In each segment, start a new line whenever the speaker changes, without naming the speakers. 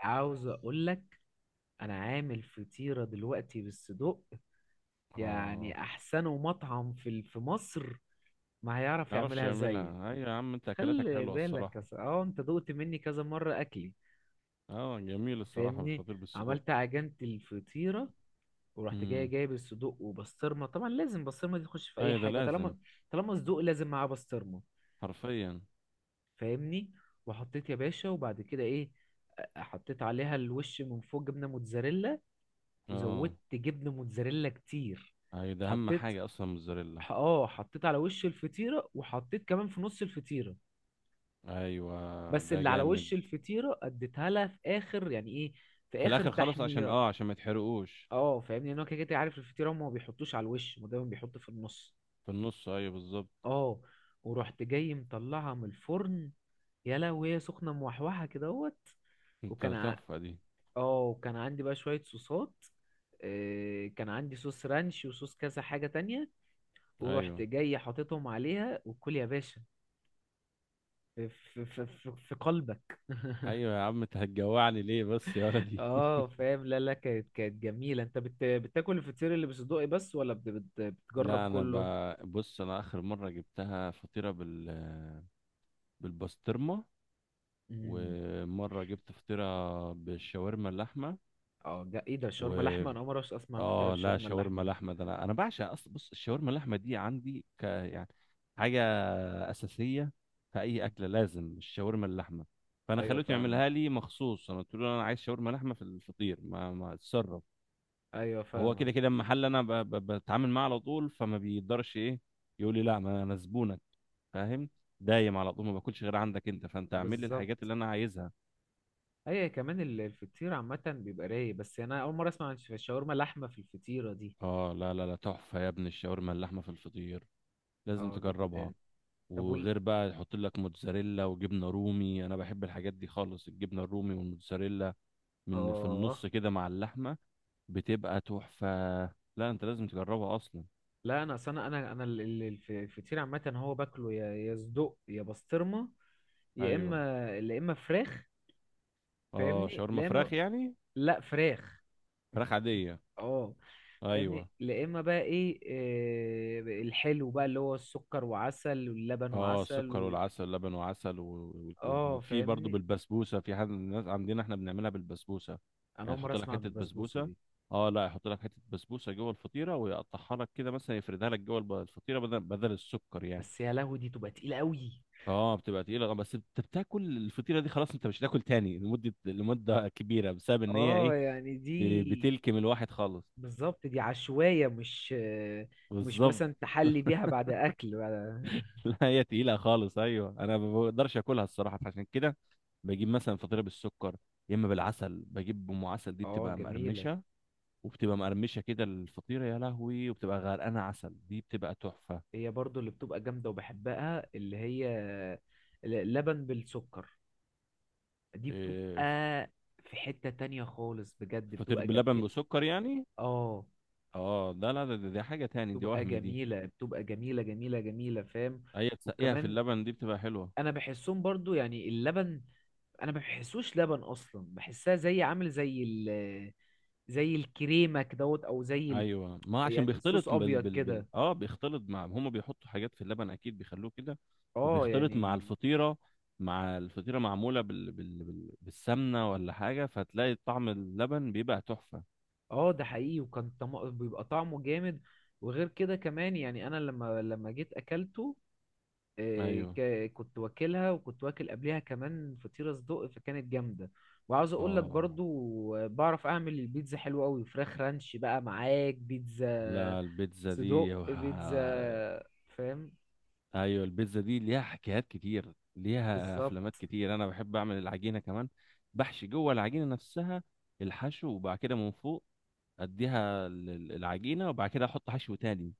عاوز اقول لك انا عامل فطيرة دلوقتي بالصدق. يعني
اه،
احسن مطعم في في مصر ما هيعرف
ما يعرفش
يعملها زيي.
يعملها. ايوه يا عم، انت اكلاتك
خلي
حلوه
بالك
الصراحه.
يا اه، انت دقت مني كذا مرة اكلي.
اه، جميل الصراحه،
فاهمني.
بالفطير بالسجق.
عملت عجينة الفطيرة ورحت جاي
امم.
جايب الصدوق وبسطرمة، طبعا لازم بسطرمة دي تخش في اي
ايوه، ده
حاجة.
لازم.
طالما صدوق لازم معاه بسطرمة.
حرفيا.
فاهمني. وحطيت يا باشا، وبعد كده ايه، حطيت عليها الوش من فوق جبنة موتزاريلا.
اه،
وزودت جبنه موتزاريلا كتير.
ايوه، ده اهم
حطيت
حاجه اصلا، موزاريلا.
اه، حطيت على وش الفطيره وحطيت كمان في نص الفطيره.
ايوه،
بس
ده
اللي على
جامد.
وش الفطيره اديتها لها في اخر، يعني ايه، في
في
اخر
الاخر خالص عشان
تحميره.
عشان ما يتحرقوش.
اه، فاهمني، لان هو كده كده عارف الفطيره، هما ما بيحطوش على الوش، هما دايما بيحطوا في النص.
في النص، ايوه بالظبط.
اه، ورحت جاي مطلعها من الفرن، يا لهوي وهي سخنه موحوحه كده اهوت.
انت
وكان ع...
تحفه دي.
اه، وكان عندي بقى شويه صوصات. كان عندي صوص رانش وصوص كذا حاجه تانية. ورحت
ايوه،
جاي حاططهم عليها، وكل يا باشا في قلبك.
ايوه يا عم، انت هتجوعني ليه بس يا ولدي؟
اه، فاهم. لا لا، كانت جميلة. انت بتاكل الفطير اللي بصدقي بس ولا بت بت بتجرب
لا، انا
كله؟
بص، انا اخر مره جبتها فطيره بالبسطرمه.
امم.
ومرة جبت فطيرة بالشاورما اللحمة.
ايه ده، شاورما
و
لحمة؟ انا اول مرة اسمع فطيرة
اه لا،
بشاورما
شاورما
اللحمة.
لحمة ده، انا بعشق. بص، الشاورما اللحمة دي عندي يعني حاجة أساسية في أي
مم.
أكلة، لازم الشاورما اللحمة. فأنا
ايوه،
خليته
فاهمك.
يعملها لي مخصوص، أنا قلت له أنا عايز شاورما لحمة في الفطير، ما اتصرف.
ايوه،
هو
فاهمك.
كده كده المحل أنا بتعامل معاه على طول، فما بيقدرش إيه يقول لي لا، ما أنا زبونك، فاهم؟ دايم على طول ما باكلش غير عندك أنت، فأنت اعمل لي
بالظبط.
الحاجات اللي أنا عايزها.
ايوه، كمان الفطير عامة بيبقى رايق، بس انا اول مرة اسمع عن الشاورما لحمة في الفطيرة دي.
اه، لا لا لا، تحفة يا ابني الشاورما اللحمة في الفطير، لازم
اه، جامد
تجربها.
أوي. طب وال
وغير بقى يحط لك موتزاريلا وجبنة رومي، انا بحب الحاجات دي خالص، الجبنة الرومي والموتزاريلا، في
اه
النص كده مع اللحمة، بتبقى تحفة. لا، انت لازم تجربها اصلا.
لا، انا اصل انا الفطير عامه هو باكله، يا صدق يا بسطرمه، يا
ايوه.
اما يا اما فراخ.
اه،
فاهمني.
شاورما
لا،
فراخ
اما.
يعني؟
لا، فراخ.
فراخ عادية.
اه،
ايوه.
فاهمني. لا، اما بقى ايه، الحلو بقى اللي هو السكر وعسل، واللبن
اه،
وعسل
السكر
و...
والعسل، لبن وعسل و- و-
اه،
وفي برضه
فاهمني.
بالبسبوسه، في حد من الناس عندنا احنا بنعملها بالبسبوسه.
انا
يعني
اول مره
تحط لك
اسمع
حته
بالبسبوسه
بسبوسه.
دي.
اه، لا، يحط لك حته بسبوسه جوه الفطيره ويقطعها لك كده، مثلا يفردها لك جوه الفطيره بدل السكر يعني.
بس يا لهوي دي تبقى تقيله قوي.
اه، بتبقى تقيله. بس انت بتاكل الفطيره دي خلاص، انت مش هتاكل تاني لمده، لمده كبيره، بسبب ان هي
اه،
ايه،
يعني دي
بتلكم الواحد خالص.
بالظبط دي عشوائيه، مش مش
بالظبط.
مثلا تحلي بيها بعد اكل بعد.
لا، هي تقيلة خالص. أيوه، أنا ما بقدرش آكلها الصراحة، فعشان كده بجيب مثلا فطيرة بالسكر، يا إما بالعسل. بجيب أم عسل، دي
اه،
بتبقى
جميلة.
مقرمشة، وبتبقى مقرمشة كده الفطيرة، يا لهوي، وبتبقى غرقانة عسل، دي بتبقى تحفة.
هي برضو اللي بتبقى جامدة وبحبها، اللي هي لبن بالسكر. دي بتبقى
إيه،
في حتة تانية خالص، بجد
فطير
بتبقى
باللبن
جميلة.
بسكر يعني؟
اه،
اه، ده لا، دي حاجة تاني دي،
بتبقى
وهم دي.
جميلة، بتبقى جميلة جميلة جميلة. فاهم.
هي تسقيها في
وكمان
اللبن، دي بتبقى حلوة.
انا بحسهم برضو، يعني اللبن انا ما بحسوش لبن اصلا، بحسها زي عامل زي زي الكريمة كدهوت، او زي ال
ايوه، ما عشان
يعني صوص
بيختلط بال
ابيض
بال, بال...
كده.
اه بيختلط مع هم بيحطوا حاجات في اللبن اكيد، بيخلوه كده.
اه،
وبيختلط مع
يعني.
الفطيره، مع الفطيره، معموله بالسمنه ولا حاجه، فتلاقي طعم اللبن بيبقى تحفه.
اه، ده حقيقي. بيبقى طعمه جامد. وغير كده كمان، يعني انا لما جيت اكلته،
ايوه.
كنت واكلها وكنت واكل قبلها كمان فطيرة صدق، فكانت جامدة. وعاوز اقول لك
اه،
برضو، بعرف اعمل البيتزا حلوة قوي، فراخ رانش بقى معاك بيتزا.
لا، البيتزا
صدق
دي
بيتزا. فاهم.
ايوه، البيتزا دي ليها حكايات كتير، ليها افلامات
بالظبط.
كتير. انا بحب اعمل العجينه كمان، بحشي جوه العجينه نفسها الحشو، وبعد كده من فوق اديها العجينه، وبعد كده احط حشو تاني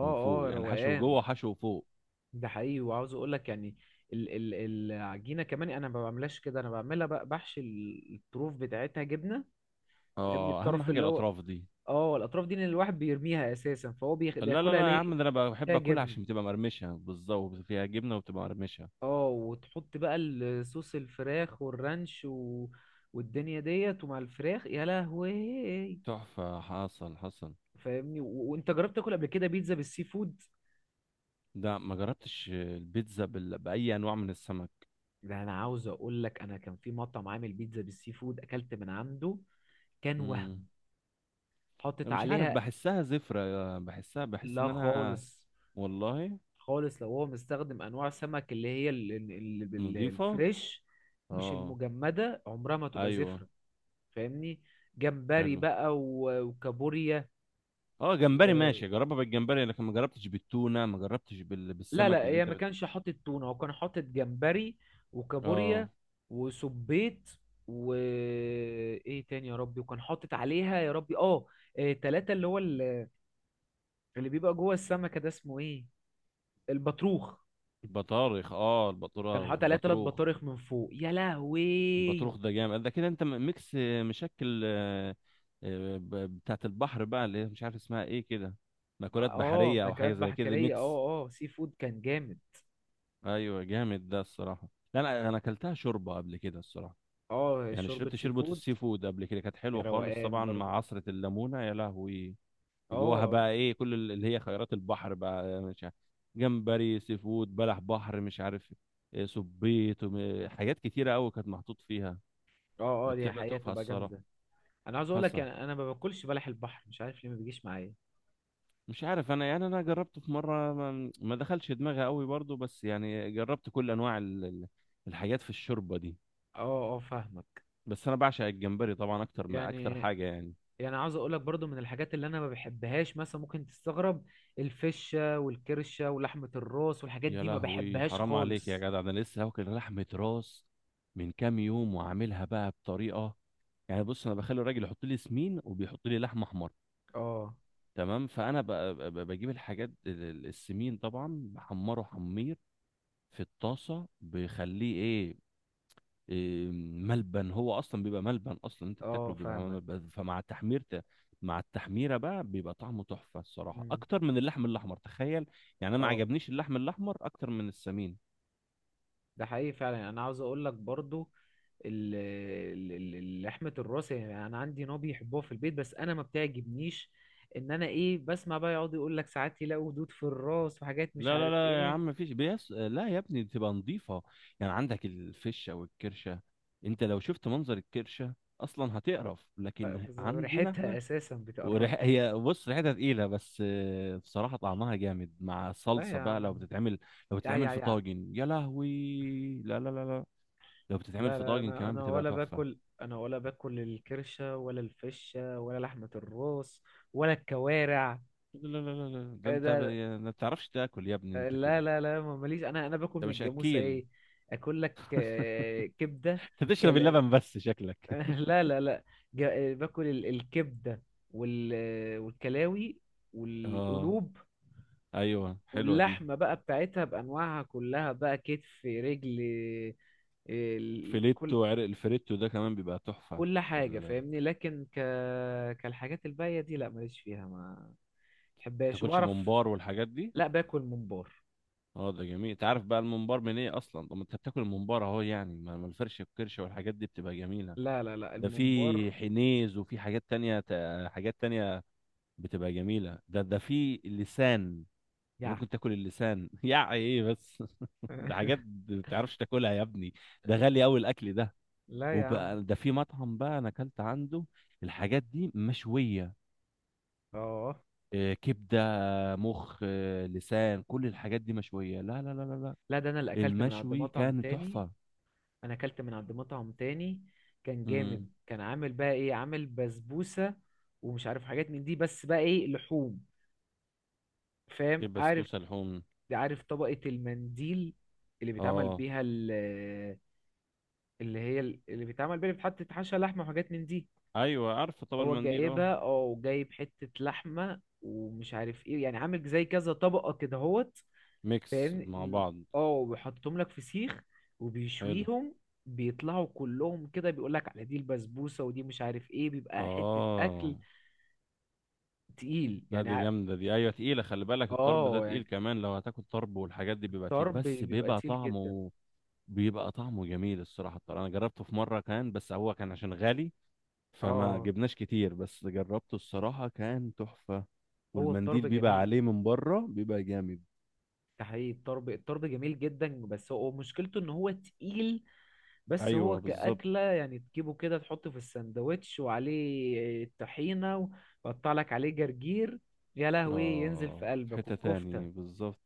من فوق.
اه،
يعني حشو جوه
روقان.
وحشو فوق.
ده حقيقي. وعاوز اقول لك يعني، ال العجينه كمان انا ما بعملهاش كده، انا بعملها بقى بحشي الطروف بتاعتها جبنه. فاهمني،
اه، اهم
الطرف
حاجه
اللي هو،
الاطراف دي.
اه الاطراف دي اللي الواحد بيرميها اساسا، فهو
لا لا لا
بياكلها
يا
ليه؟
عم، ده انا بقى بحب
فيها
اكلها
جبن.
عشان بتبقى مرمشه، بالظبط، فيها جبنه وبتبقى مرمشه.
اه، وتحط بقى الصوص، الفراخ والرانش، والدنيا ديت، ومع الفراخ يا لهوي.
تحفه. حصل حصل.
فاهمني. وانت جربت تاكل قبل كده بيتزا بالسي فود؟
ده ما جربتش البيتزا باي انواع من السمك.
ده انا عاوز اقول لك، انا كان في مطعم عامل بيتزا بالسي فود، اكلت من عنده. كان
امم.
وهم. حطت
مش عارف،
عليها.
بحسها زفره، بحسها، بحس
لا،
ان انا.
خالص.
والله.
خالص، لو هو مستخدم انواع سمك اللي هي
نظيفه.
الفريش، مش
اه.
المجمده، عمرها ما تبقى
ايوه.
زفره. فاهمني. جمبري
حلو.
بقى وكابوريا
اه، جمبري
و...
ماشي، جربها بالجمبري، لكن ما جربتش بالتونه، ما جربتش
لا
بالسمك
لا،
اللي
هي
انت
ما كانش حاطط تونه، هو كان حاطط جمبري
اه،
وكابوريا وسبيط، و ايه تاني يا ربي، وكان حاطط عليها يا ربي، اه إيه، تلاتة، اللي هو، اللي بيبقى جوه السمكه ده اسمه ايه، البطروخ.
البطارخ، اه
كان
البطرار
حاطط عليها تلات
البطروخ.
بطارخ من فوق، يا لهوي.
البطروخ ده جامد، ده كده انت ميكس، مشكل، آه، ب- بتاعت البحر بقى، اللي هي مش عارف اسمها ايه كده، مأكولات
اه،
بحرية او
مأكولات
حاجة زي كده،
بحرية،
ميكس.
اه اه سي فود، كان جامد.
ايوه جامد ده الصراحة. لا، انا انا اكلتها شوربة قبل كده الصراحة،
اه،
يعني
شوربة
شربت
سي
شوربة
فود.
السي فود قبل كده، كانت
يا
حلوة خالص،
روقان
طبعا مع
برضو.
عصرة الليمونة، يا لهوي. جواها
اه.
بقى ايه، كل اللي هي خيرات البحر بقى، مش عارف، جمبري، سي فود، بلح بحر، مش عارف، صبيط، حاجات كتيرة قوي كانت محطوط فيها.
اه اه، دي
بتبقى
حقيقة
تحفة
تبقى
الصراحة.
جامدة. انا عاوز اقول لك
حصل.
يعني، انا ما باكلش بلح البحر، مش عارف ليه ما بيجيش معايا.
مش عارف انا، يعني انا جربته في مرة، ما دخلش دماغي قوي برضو، بس يعني جربت كل انواع الحاجات في الشوربة دي.
اه اه، فاهمك.
بس انا بعشق الجمبري طبعا اكتر من اكتر
يعني،
حاجة يعني.
يعني عاوز اقول لك برضو، من الحاجات اللي انا ما بحبهاش مثلا، ممكن تستغرب، الفشة والكرشة ولحمة الراس والحاجات
يا
دي، ما
لهوي،
بحبهاش
حرام عليك يا
خالص.
جدع، انا لسه واكل لحمة راس من كام يوم، وعاملها بقى بطريقة يعني. بص، انا بخلي الراجل يحط لي سمين، وبيحط لي لحمه حمر،
اه
تمام؟ فانا بجيب الحاجات السمين طبعا بحمره حمير، في الطاسه بخليه ايه، إيه، ملبن. هو اصلا بيبقى ملبن اصلا انت
اه،
بتاكله، بيبقى
فاهمك.
ملبن، فمع التحمير مع التحميره بقى بيبقى طعمه تحفه الصراحه،
مم.
اكتر من اللحم الاحمر، تخيل. يعني انا ما
اه،
عجبنيش اللحم الاحمر اكتر من السمين.
ده حقيقي فعلا، يعني انا عاوز اقول لك برضو، لحمة الراس، يعني انا عندي نوع بيحبوها في البيت بس انا ما بتعجبنيش، ان انا ايه بسمع بقى، يقعد يقول لك ساعات يلاقوا دود في الراس وحاجات مش
لا لا
عارف
لا يا
ايه.
عم، مفيش بيس، لا يا ابني بتبقى نظيفة. يعني عندك الفشة والكرشة، انت لو شفت منظر الكرشة اصلا هتقرف، لكن
بس
عندنا
ريحتها
احنا
اساسا بتقرفني.
هي، بص، ريحتها تقيلة، بس بصراحة طعمها جامد مع
لا
الصلصة
يا
بقى، لو
عم.
بتتعمل، لو
يا
بتتعمل
يا
في
يا
طاجن، يا لهوي. لا لا لا لا، لو بتتعمل
لا
في
لا،
طاجن
انا
كمان
انا
بتبقى
ولا
تحفة.
باكل، انا ولا باكل الكرشة ولا الفشة ولا لحمة الراس، ولا الكوارع.
لا لا لا لا، ده
إيه
انت
ده.
ما بتعرفش تاكل يا ابني انت
لا
كده،
لا لا، ماليش. انا باكل
انت
من
مش
الجاموسة
اكيل.
ايه، اكل لك كبدة.
انت تشرب اللبن بس شكلك.
لا لا لا. باكل الكبده، والكلاوي
اه.
والقلوب،
ايوه، حلوة دي.
واللحمه بقى بتاعتها بانواعها كلها بقى، كتف، رجل، كل،
فيليتو عرق، الفريتو ده كمان بيبقى تحفة
كل حاجه
ما
فاهمني، لكن كالحاجات الباقيه دي، لا، ماليش فيها، ما بحبهاش
تاكلش
وبعرف.
ممبار والحاجات دي.
لا، باكل ممبار.
اه ده جميل، انت عارف بقى الممبار من ايه اصلا؟ طب ما انت بتاكل الممبار اهو يعني، ما الفرشه والكرشه والحاجات دي بتبقى جميله.
لا لا لا،
ده في
الممبار
حنيز وفي حاجات تانية، حاجات تانية بتبقى جميله، ده في اللسان، انت
يع
ممكن تاكل اللسان؟ يا ايه بس. ده حاجات ما بتعرفش تاكلها يا ابني، ده غالي قوي الاكل ده.
لا يا عم،
وبقى ده في مطعم بقى انا اكلت عنده الحاجات دي مشويه،
اه
كبده، مخ، لسان، كل الحاجات دي مشوية، لا لا لا لا لا،
لا، ده انا اللي اكلت من عند
المشوي
مطعم
كان
تاني.
تحفة.
انا اكلت من عند مطعم تاني، كان
امم.
جامد، كان عامل بقى ايه، عامل بسبوسة، ومش عارف حاجات من دي، بس بقى ايه، لحوم. فاهم؟ عارف
البسبوسه لحوم؟
عارف طبقة المنديل، اللي بيتعمل
اه.
بيها ال- اللي هي اللي بيتعمل بيها، اللي بتحط تحشى لحمة وحاجات من دي،
ايوه، عارفه طبق
هو
المنديل، اه.
جايبها او جايب حتة لحمة ومش عارف ايه، يعني عامل زي كذا طبقة كده اهوت.
ميكس
فاهمني.
مع بعض.
اه، وبيحطهم لك في سيخ
حلو.
وبيشويهم، بيطلعوا كلهم كده، بيقول لك على دي البسبوسه ودي مش عارف ايه، بيبقى حته
اه،
اكل تقيل
لا
يعني
دي
ع-
جامده دي، ايوه تقيله، خلي بالك الطرب ده
اه،
تقيل
يعني
كمان، لو هتاكل طرب والحاجات دي بيبقى تقيل،
الطرب
بس
بيبقى
بيبقى
تقيل جدا.
طعمه بيبقى طعمه جميل الصراحه. الطرب انا جربته في مره، كان بس هو كان عشان غالي فما
اه،
جبناش كتير، بس جربته الصراحة كان تحفة.
هو الطرب
والمنديل بيبقى
جميل،
عليه من بره، بيبقى جامد.
ده حقيقي. الطرب جميل جدا، بس هو مشكلته ان هو تقيل. بس هو
ايوه بالظبط.
كأكلة يعني، تجيبه كده تحطه في الساندوتش وعليه طحينة، وقطع لك عليه جرجير، يا لهوي ينزل
اه،
في قلبك.
حتة تاني
والكفتة.
بالظبط.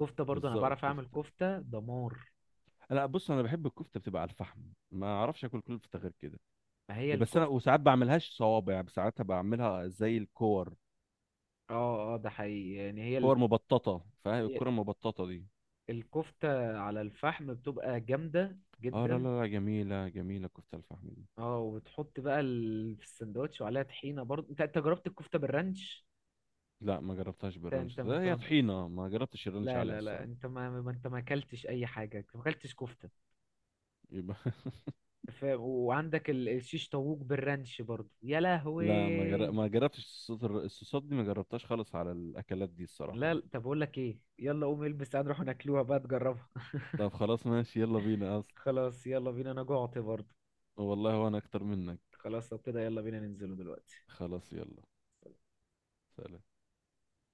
كفتة برضو انا
بالظبط
بعرف اعمل
الكفتة.
كفتة دمار.
لا بص، انا بحب الكفتة بتبقى على الفحم، ما اعرفش اكل كفتة غير كده،
ما هي
يا بس انا
الكفتة.
وساعات بعملهاش صوابع، يعني ساعات بعملها زي الكور،
اه اه، ده حقيقي، يعني هي
كور مبططة، فاهم
هي
الكرة المبططة دي؟
الكفتة على الفحم بتبقى جامدة
اه، لا
جدا.
لا لا، جميلة جميلة كفتة الفحم دي.
اه، وبتحط بقى في السندوتش وعليها طحينة برضو. انت جربت الكفتة بالرانش؟
لا ما جربتهاش
انت انت
بالرانش، ده
انت
هي
ما...
طحينة، ما جربتش الرانش
لا
عليها
لا لا،
الصراحة.
انت ما انت ما اكلتش اي حاجة، ما اكلتش كفتة.
يبقى،
وعندك الشيش طاووق بالرانش برضو، يا
لا
لهوي.
ما جربتش الصوصات الصوصات دي ما جربتهاش خالص على الاكلات دي الصراحه
لا
أنا.
لا، طب اقول لك ايه، يلا قوم البس تعال نروح ناكلوها بقى تجربها.
طب خلاص ماشي، يلا بينا اصلا.
خلاص يلا بينا، انا جوعت برضو.
والله، وانا اكتر منك.
خلاص، طب كده يلا بينا ننزله دلوقتي.
خلاص يلا. سلام.